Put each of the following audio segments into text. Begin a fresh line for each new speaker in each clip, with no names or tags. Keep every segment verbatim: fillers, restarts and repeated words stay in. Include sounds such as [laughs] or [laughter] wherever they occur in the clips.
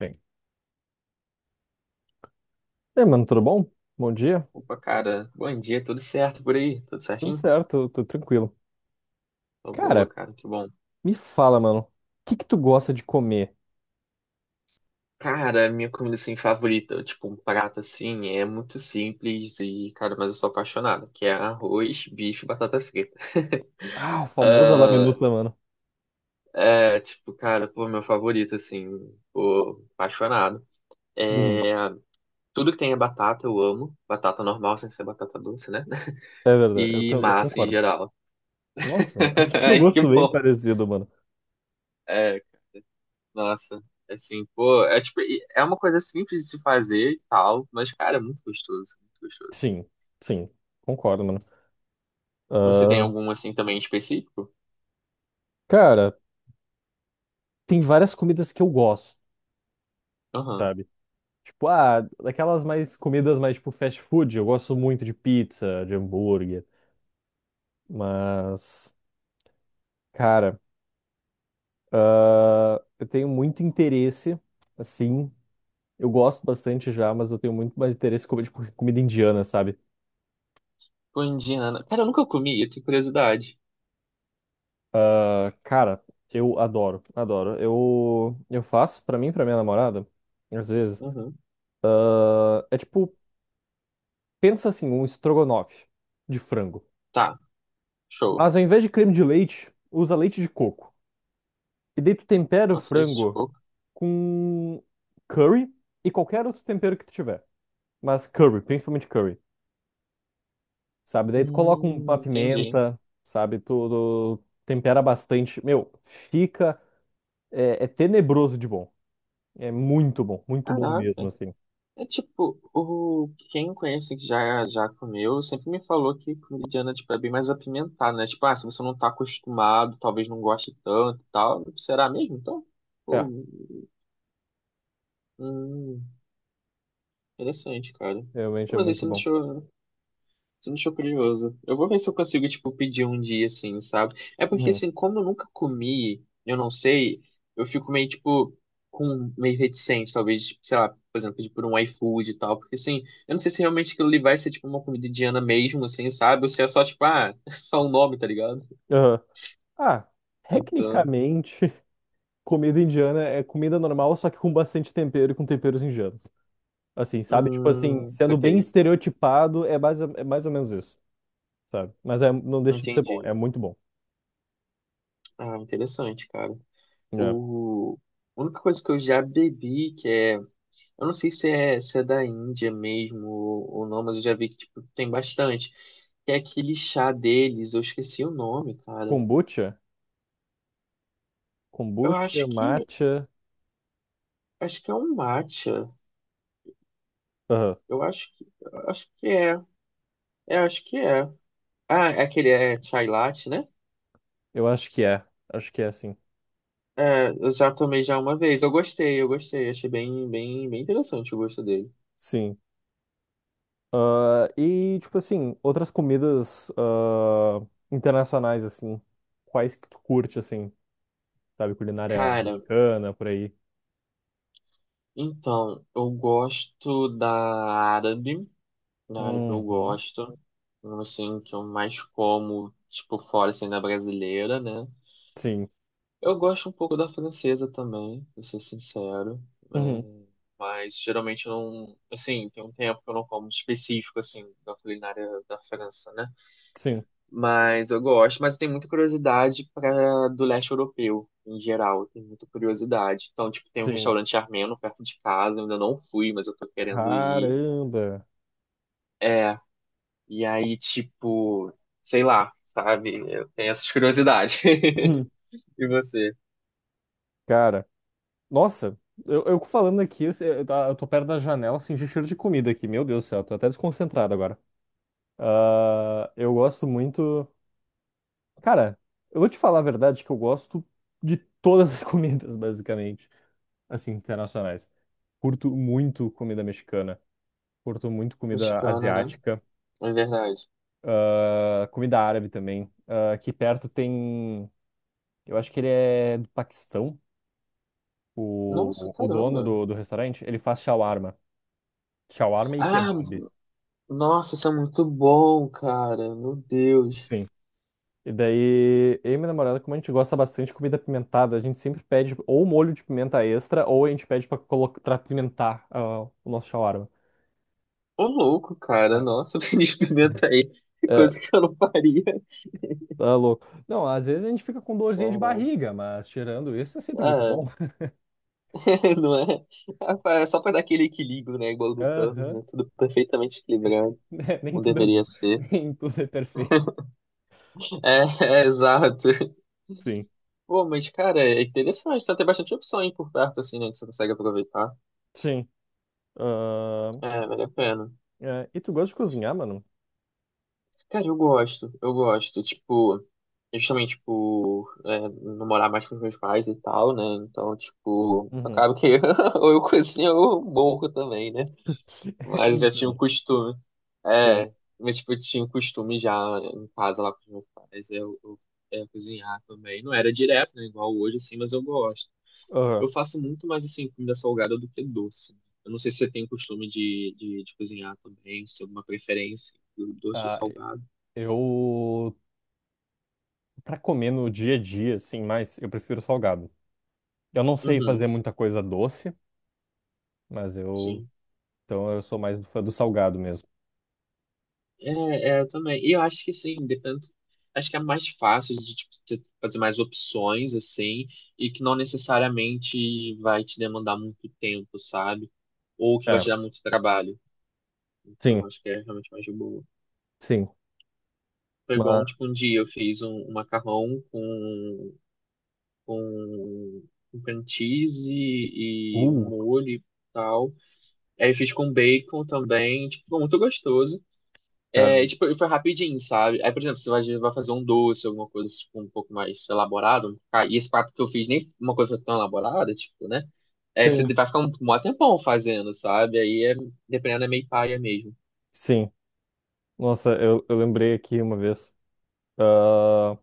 Bem. E aí, mano, tudo bom? Bom dia?
Opa, cara, bom dia, tudo certo por aí? Tudo
Tudo
certinho?
certo, tô tranquilo.
Tô boa,
Cara,
cara, que bom.
me fala, mano, o que que tu gosta de comer?
Cara, minha comida assim favorita, tipo um prato assim, é muito simples e, cara, mas eu sou apaixonado, que é arroz, bife e batata frita. [laughs]
Ah, o famoso
Ah,
laminuta, mano.
é, tipo, cara, pô, meu favorito assim, pô, apaixonado.
Uhum,
É, tudo que tem é batata eu amo, batata normal sem ser batata doce, né?
é
[laughs]
verdade, eu,
E
tam- eu
massa em
concordo.
geral.
Nossa, [laughs] a
[laughs]
gente tem um
Ai, que
gosto bem
bom.
parecido, mano.
É, nossa, assim, pô, é tipo, é uma coisa simples de se fazer e tal, mas, cara, é muito gostoso, muito gostoso.
Sim, sim, concordo, mano.
Você tem
Ah,
algum, assim, também específico?
cara, tem várias comidas que eu gosto,
Aham.
sabe? Tipo, ah, daquelas mais comidas mais tipo fast food, eu gosto muito de pizza, de hambúrguer, mas, cara. Ah, eu tenho muito interesse, assim. Eu gosto bastante já, mas eu tenho muito mais interesse em comer, tipo, comida indiana, sabe?
Pô, indiana. Cara, eu nunca comi, eu tenho curiosidade.
Ah, cara, eu adoro, adoro. Eu, eu faço pra mim e pra minha namorada, às vezes.
Uhum.
Ah, é tipo, pensa assim, um estrogonofe de frango.
Tá, show.
Mas ao invés de creme de leite, usa leite de coco. E daí tu tempera o
Nossa, leite de
frango
coco.
com curry e qualquer outro tempero que tu tiver. Mas curry, principalmente curry, sabe? Daí tu coloca um-
Hum,
uma
entendi.
pimenta, sabe? Tu, tu tempera bastante. Meu, fica. É, é tenebroso de bom. É muito bom, muito bom mesmo,
Caraca.
assim.
É tipo, o... quem conhece que já, já comeu, sempre me falou que comida indiana, tipo, é bem mais apimentada, né? Tipo, ah, se você não tá acostumado, talvez não goste tanto e tal. Será mesmo, então?
É,
Ou Hum, interessante, cara.
realmente
Pô,
é
mas aí
muito
você me
bom.
deixou, você me deixou curioso. Eu vou ver se eu consigo, tipo, pedir um dia, assim, sabe? É porque,
Uhum.
assim, como eu nunca comi, eu não sei, eu fico meio, tipo, com, meio reticente, talvez, tipo, sei lá, por exemplo, pedir por um iFood e tal, porque, assim, eu não sei se realmente aquilo ali vai ser, tipo, uma comida indiana mesmo, assim, sabe? Ou se é só, tipo, ah, [laughs] só um nome, tá ligado?
Aham. Ah,
Então,
tecnicamente, [laughs] comida indiana é comida normal, só que com bastante tempero e com temperos indianos. Assim, sabe? Tipo assim,
hum,
sendo bem
saquei.
estereotipado, é mais, é mais ou menos isso, sabe? Mas é- não deixa de ser bom,
Entendi.
é muito bom.
Ah, interessante, cara.
É.
O... A única coisa que eu já bebi, que é, eu não sei se é, se é da Índia mesmo ou, ou não, mas eu já vi que tipo, tem bastante. Que é aquele chá deles, eu esqueci o nome, cara.
Kombucha,
Eu
kombucha,
acho que
matcha.
acho que é um matcha. Eu acho que eu acho que é. É, acho que é. Ah, é aquele é chai latte, né?
Eu acho que é. Acho que é, sim.
É, eu já tomei já uma vez. Eu gostei, eu gostei. Achei bem, bem, bem interessante o gosto dele.
Sim. Ah, e, tipo assim, outras comidas ah, internacionais, assim. Quais que tu curte, assim? Sabe, culinária
Cara,
mexicana, por aí.
então, eu gosto da árabe. Claro, eu
Uhum.
gosto. Um, assim, que eu mais como, tipo, fora, assim, da brasileira, né?
Sim.
Eu gosto um pouco da francesa também, pra ser sincero.
Uhum.
É, mas, geralmente, eu não... Assim, tem um tempo que eu não como específico, assim, da culinária da França, né?
Sim.
Mas eu gosto. Mas tem muita curiosidade para do leste europeu, em geral. Tem muita curiosidade. Então, tipo, tem um
Sim.
restaurante armeno perto de casa. Eu ainda não fui, mas eu tô querendo ir.
Caramba.
é E aí, tipo, sei lá, sabe? Eu tenho essas curiosidades.
Uhum.
[laughs] E você?
Cara, nossa, eu, eu falando aqui, eu, sei- eu tá- eu tô perto da janela, senti cheiro de comida aqui. Meu Deus do céu, tô até desconcentrado agora. Ah, eu gosto muito. Cara, eu vou te falar a verdade que eu gosto de todas as [laughs] comidas, basicamente, assim, internacionais. Curto muito comida mexicana, curto muito comida
Mexicana, né?
asiática,
É verdade.
ah, comida árabe também. Ah, aqui perto tem, eu acho que ele é do Paquistão,
Nossa,
o, o dono
caramba.
do, do restaurante, ele faz shawarma. Shawarma e
Ah,
kebab.
nossa, isso é muito bom, cara. Meu Deus.
Sim. E daí, eu e minha namorada, como a gente gosta bastante de comida apimentada, a gente sempre pede ou molho de pimenta extra, ou a gente pede pra, colo- pra apimentar ah, o nosso shawarma.
Ô, louco, cara.
É.
Nossa, [laughs] me experimenta aí.
É,
Coisa que eu não faria.
tá louco. Não, às vezes a gente fica com dorzinha de
Caraca.
barriga, mas tirando isso é sempre muito
É,
bom.
[laughs] não é? É pra- é só pra dar aquele equilíbrio, né? Igual
[laughs]
do Thanos,
Aham.
né? Tudo perfeitamente equilibrado.
[laughs] Nem
Como
tudo é
deveria
bom.
ser.
[laughs] Nem tudo é perfeito.
É, [laughs] é exato.
Sim.
Pô, mas, cara, é interessante. Tá tem bastante opção aí por perto, assim, né? Que você consegue aproveitar.
Sim. Ah,
É, vale a pena.
é, e tu gosta de cozinhar, mano?
Cara, eu gosto. Eu gosto. Tipo, justamente, por é, não morar mais com os meus pais e tal, né? Então, tipo,
Uhum.
acaba que [laughs] ou eu cozinho ou eu morro também, né?
[laughs]
Mas eu já tinha o
Então,
costume.
sim.
É, mas, tipo, eu tinha o costume já em casa lá com os meus pais. Eu, eu, é, cozinhar também. Não era direto, né? Igual hoje, assim, mas eu gosto.
Aham.
Eu faço muito mais assim comida salgada do que doce. Eu não sei se você tem o costume de, de, de cozinhar também, se tem alguma preferência do doce ou
Ah,
salgado.
eu, pra comer no dia a dia, assim, mas eu prefiro salgado. Eu não sei fazer
Uhum,
muita coisa doce, mas eu.
sim.
Então eu sou mais do fã do salgado mesmo.
É, é, eu também. E eu acho que sim, depende. Acho que é mais fácil de tipo, você fazer mais opções, assim, e que não necessariamente vai te demandar muito tempo, sabe? Ou que vai
É,
te dar muito trabalho.
sim,
Então, acho que é realmente mais de boa.
sim.
Foi igual,
Mas.
tipo, um dia eu fiz um, um macarrão com com, um cream cheese e, um
Uh,
molho e tal. Aí eu fiz com bacon também, tipo, ficou muito gostoso.
cara.
É, tipo, foi rapidinho, sabe? Aí, por exemplo, você vai, vai fazer um doce, alguma coisa tipo, um pouco mais elaborado. Ah, e esse prato que eu fiz nem uma coisa tão elaborada, tipo, né? É, você
Sim,
vai ficar um, um maior tempão fazendo, sabe? Aí, é, dependendo, é meio paia mesmo.
sim. Nossa, eu, eu lembrei aqui uma vez. Ah,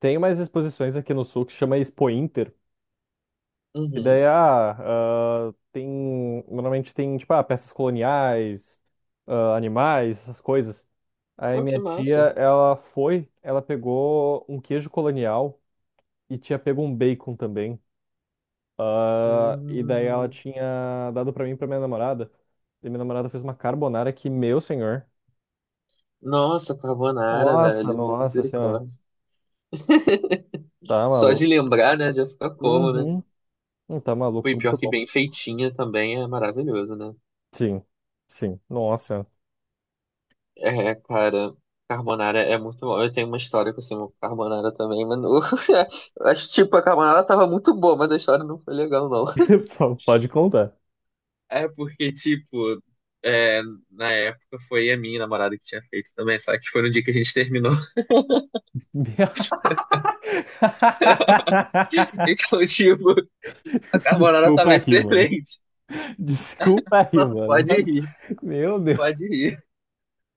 tem umas exposições aqui no sul que chama Expo Inter. E
Uhum.
daí, ah, ah, tem. Normalmente tem, tipo, ah, peças coloniais, ah, animais, essas coisas. Aí
Pô, que
minha tia,
massa.
ela foi, ela pegou um queijo colonial e tinha pego um bacon também. Ah, e daí ela
Hum.
tinha dado pra mim e pra minha namorada. E minha namorada fez uma carbonara que, meu senhor.
Nossa, carbonara,
Nossa,
velho.
nossa senhora.
Misericórdia.
Tá
Só
maluco.
de lembrar, né? Já fica como, né?
Uhum. Não, tá maluco,
Foi
foi
pior
muito
que
bom.
bem feitinha também é maravilhoso, né?
Sim, sim. Nossa.
É, cara, carbonara é muito bom. Eu tenho uma história com o carbonara também, mas não- [laughs] eu acho tipo a carbonara tava muito boa, mas a história não foi legal não.
[laughs] P- Pode contar.
É porque tipo, é, na época foi a minha namorada que tinha feito também, só que foi no dia que a gente terminou. [laughs]
[laughs]
Então, tipo, a carbonara
Desculpa
tava
aí, mano.
excelente.
Desculpa aí,
Não,
mano.
pode
Mas-
rir,
Meu Deus.
pode rir.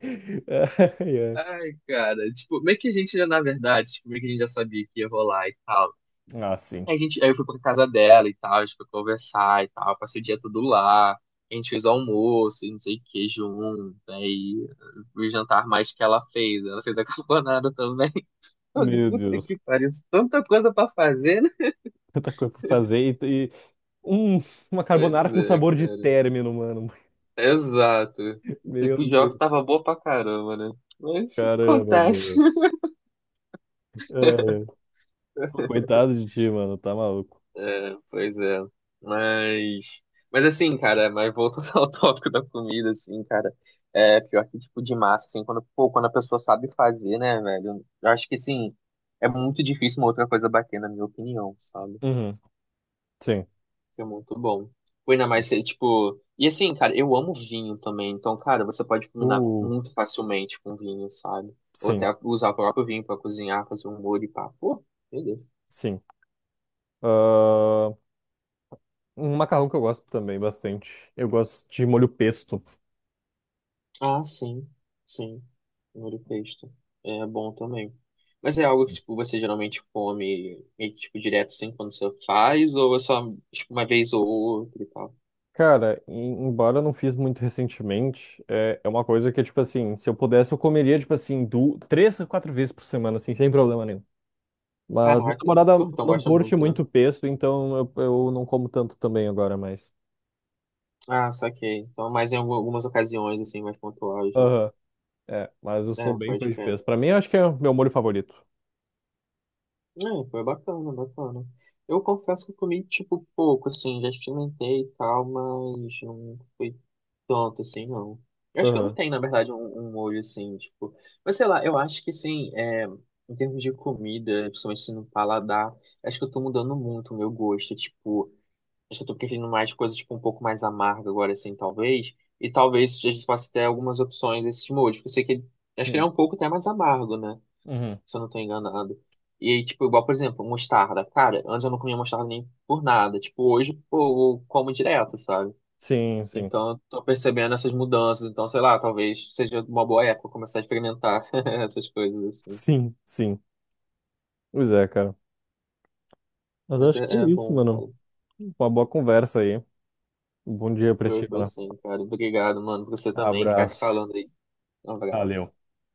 [laughs] Ai, ai.
Ai, cara, tipo, meio que a gente já, na verdade, tipo, meio que a gente já sabia que ia rolar e tal.
Ah, sim.
Aí, a gente, aí eu fui pra casa dela e tal, a gente foi conversar e tal, passei o dia todo lá. A gente fez almoço e não sei o que junto. Aí o jantar mais que ela fez. Ela fez [laughs] a carbonara também. [laughs] Eu falei,
Meu
puta
Deus.
que pariu, tanta coisa pra fazer, né?
Tanta coisa pra fazer. Um, uma
Pois
carbonara com
é,
sabor de
cara.
término, mano.
Exato.
[laughs]
O
Meu
tempo de óculos
Deus.
tava boa pra caramba, né? Mas
Caramba,
acontece.
mano.
[laughs]
Ai, ai. Coitado de ti, mano. Tá maluco.
Pois é. Mas, mas assim, cara, mas voltando ao [laughs] tópico da comida, assim, cara, é pior que tipo de massa, assim, quando, pô, quando a pessoa sabe fazer, né, velho? Eu acho que assim, é muito difícil uma outra coisa bater, na minha opinião, sabe?
Uhum. Sim.
Que é muito bom. Pô, ainda mais ser, tipo. E assim, cara, eu amo vinho também. Então, cara, você pode combinar
Uh,
muito facilmente com vinho, sabe? Ou até
sim,
usar o próprio vinho pra cozinhar, fazer um molho e pá. Pô, meu Deus.
sim. Ah, um macarrão que eu gosto também bastante. Eu gosto de molho pesto.
Ah, sim, sim. Molho pesto. É bom também. Mas é algo que tipo, você geralmente come meio que, tipo, direto assim quando você faz, ou é só tipo, uma vez ou outra e tal?
Cara, em- embora eu não fiz muito recentemente, é, é uma coisa que, tipo assim, se eu pudesse, eu comeria, tipo assim, du três a quatro vezes por semana, assim, sem problema nenhum. Mas minha
Caraca,
namorada
pô, então
não
gosta
curte
muito, né?
muito pesto, então eu, eu não como tanto também agora mais.
Ah, saquei. Então, mais em algu- algumas ocasiões, assim, mais pontuais, né?
Aham. É, mas eu
É,
sou bem
pode
pão de
crer.
queijo. Pra mim, eu acho que é o meu molho favorito.
É, foi bacana, bacana. Eu confesso que eu comi, tipo, pouco, assim, já experimentei e tal, mas não foi tanto, assim, não. Eu acho que não
Aham.
tem, na verdade, um, um molho, assim, tipo... Mas, sei lá, eu acho que, assim, é, em termos de comida, principalmente assim, no paladar, acho que eu tô mudando muito o meu gosto, tipo... Acho que eu tô preferindo mais coisa, tipo, um pouco mais amarga agora, assim, talvez. E talvez já possa ter algumas opções desses molhos, porque eu sei que... ele- acho que ele
Sim.
é um pouco até mais amargo, né?
Uhum.
Se eu não tô enganado. E aí, tipo, igual, por exemplo, mostarda. Cara, antes eu não comia mostarda nem por nada. Tipo, hoje, pô, eu como direto, sabe?
Sim, sim.
Então, eu tô percebendo essas mudanças. Então, sei lá, talvez seja uma boa época começar a experimentar [laughs] essas coisas, assim.
Sim, sim. Pois é, cara. Mas eu
Mas
acho
é,
que é
é
isso,
bom,
mano.
cara.
Uma boa conversa aí. Um bom dia pra
Foi,
ti,
foi
mano.
sim, cara. Obrigado, mano, por você também. Ficar se
Abraço.
falando aí. Um abraço.
Valeu.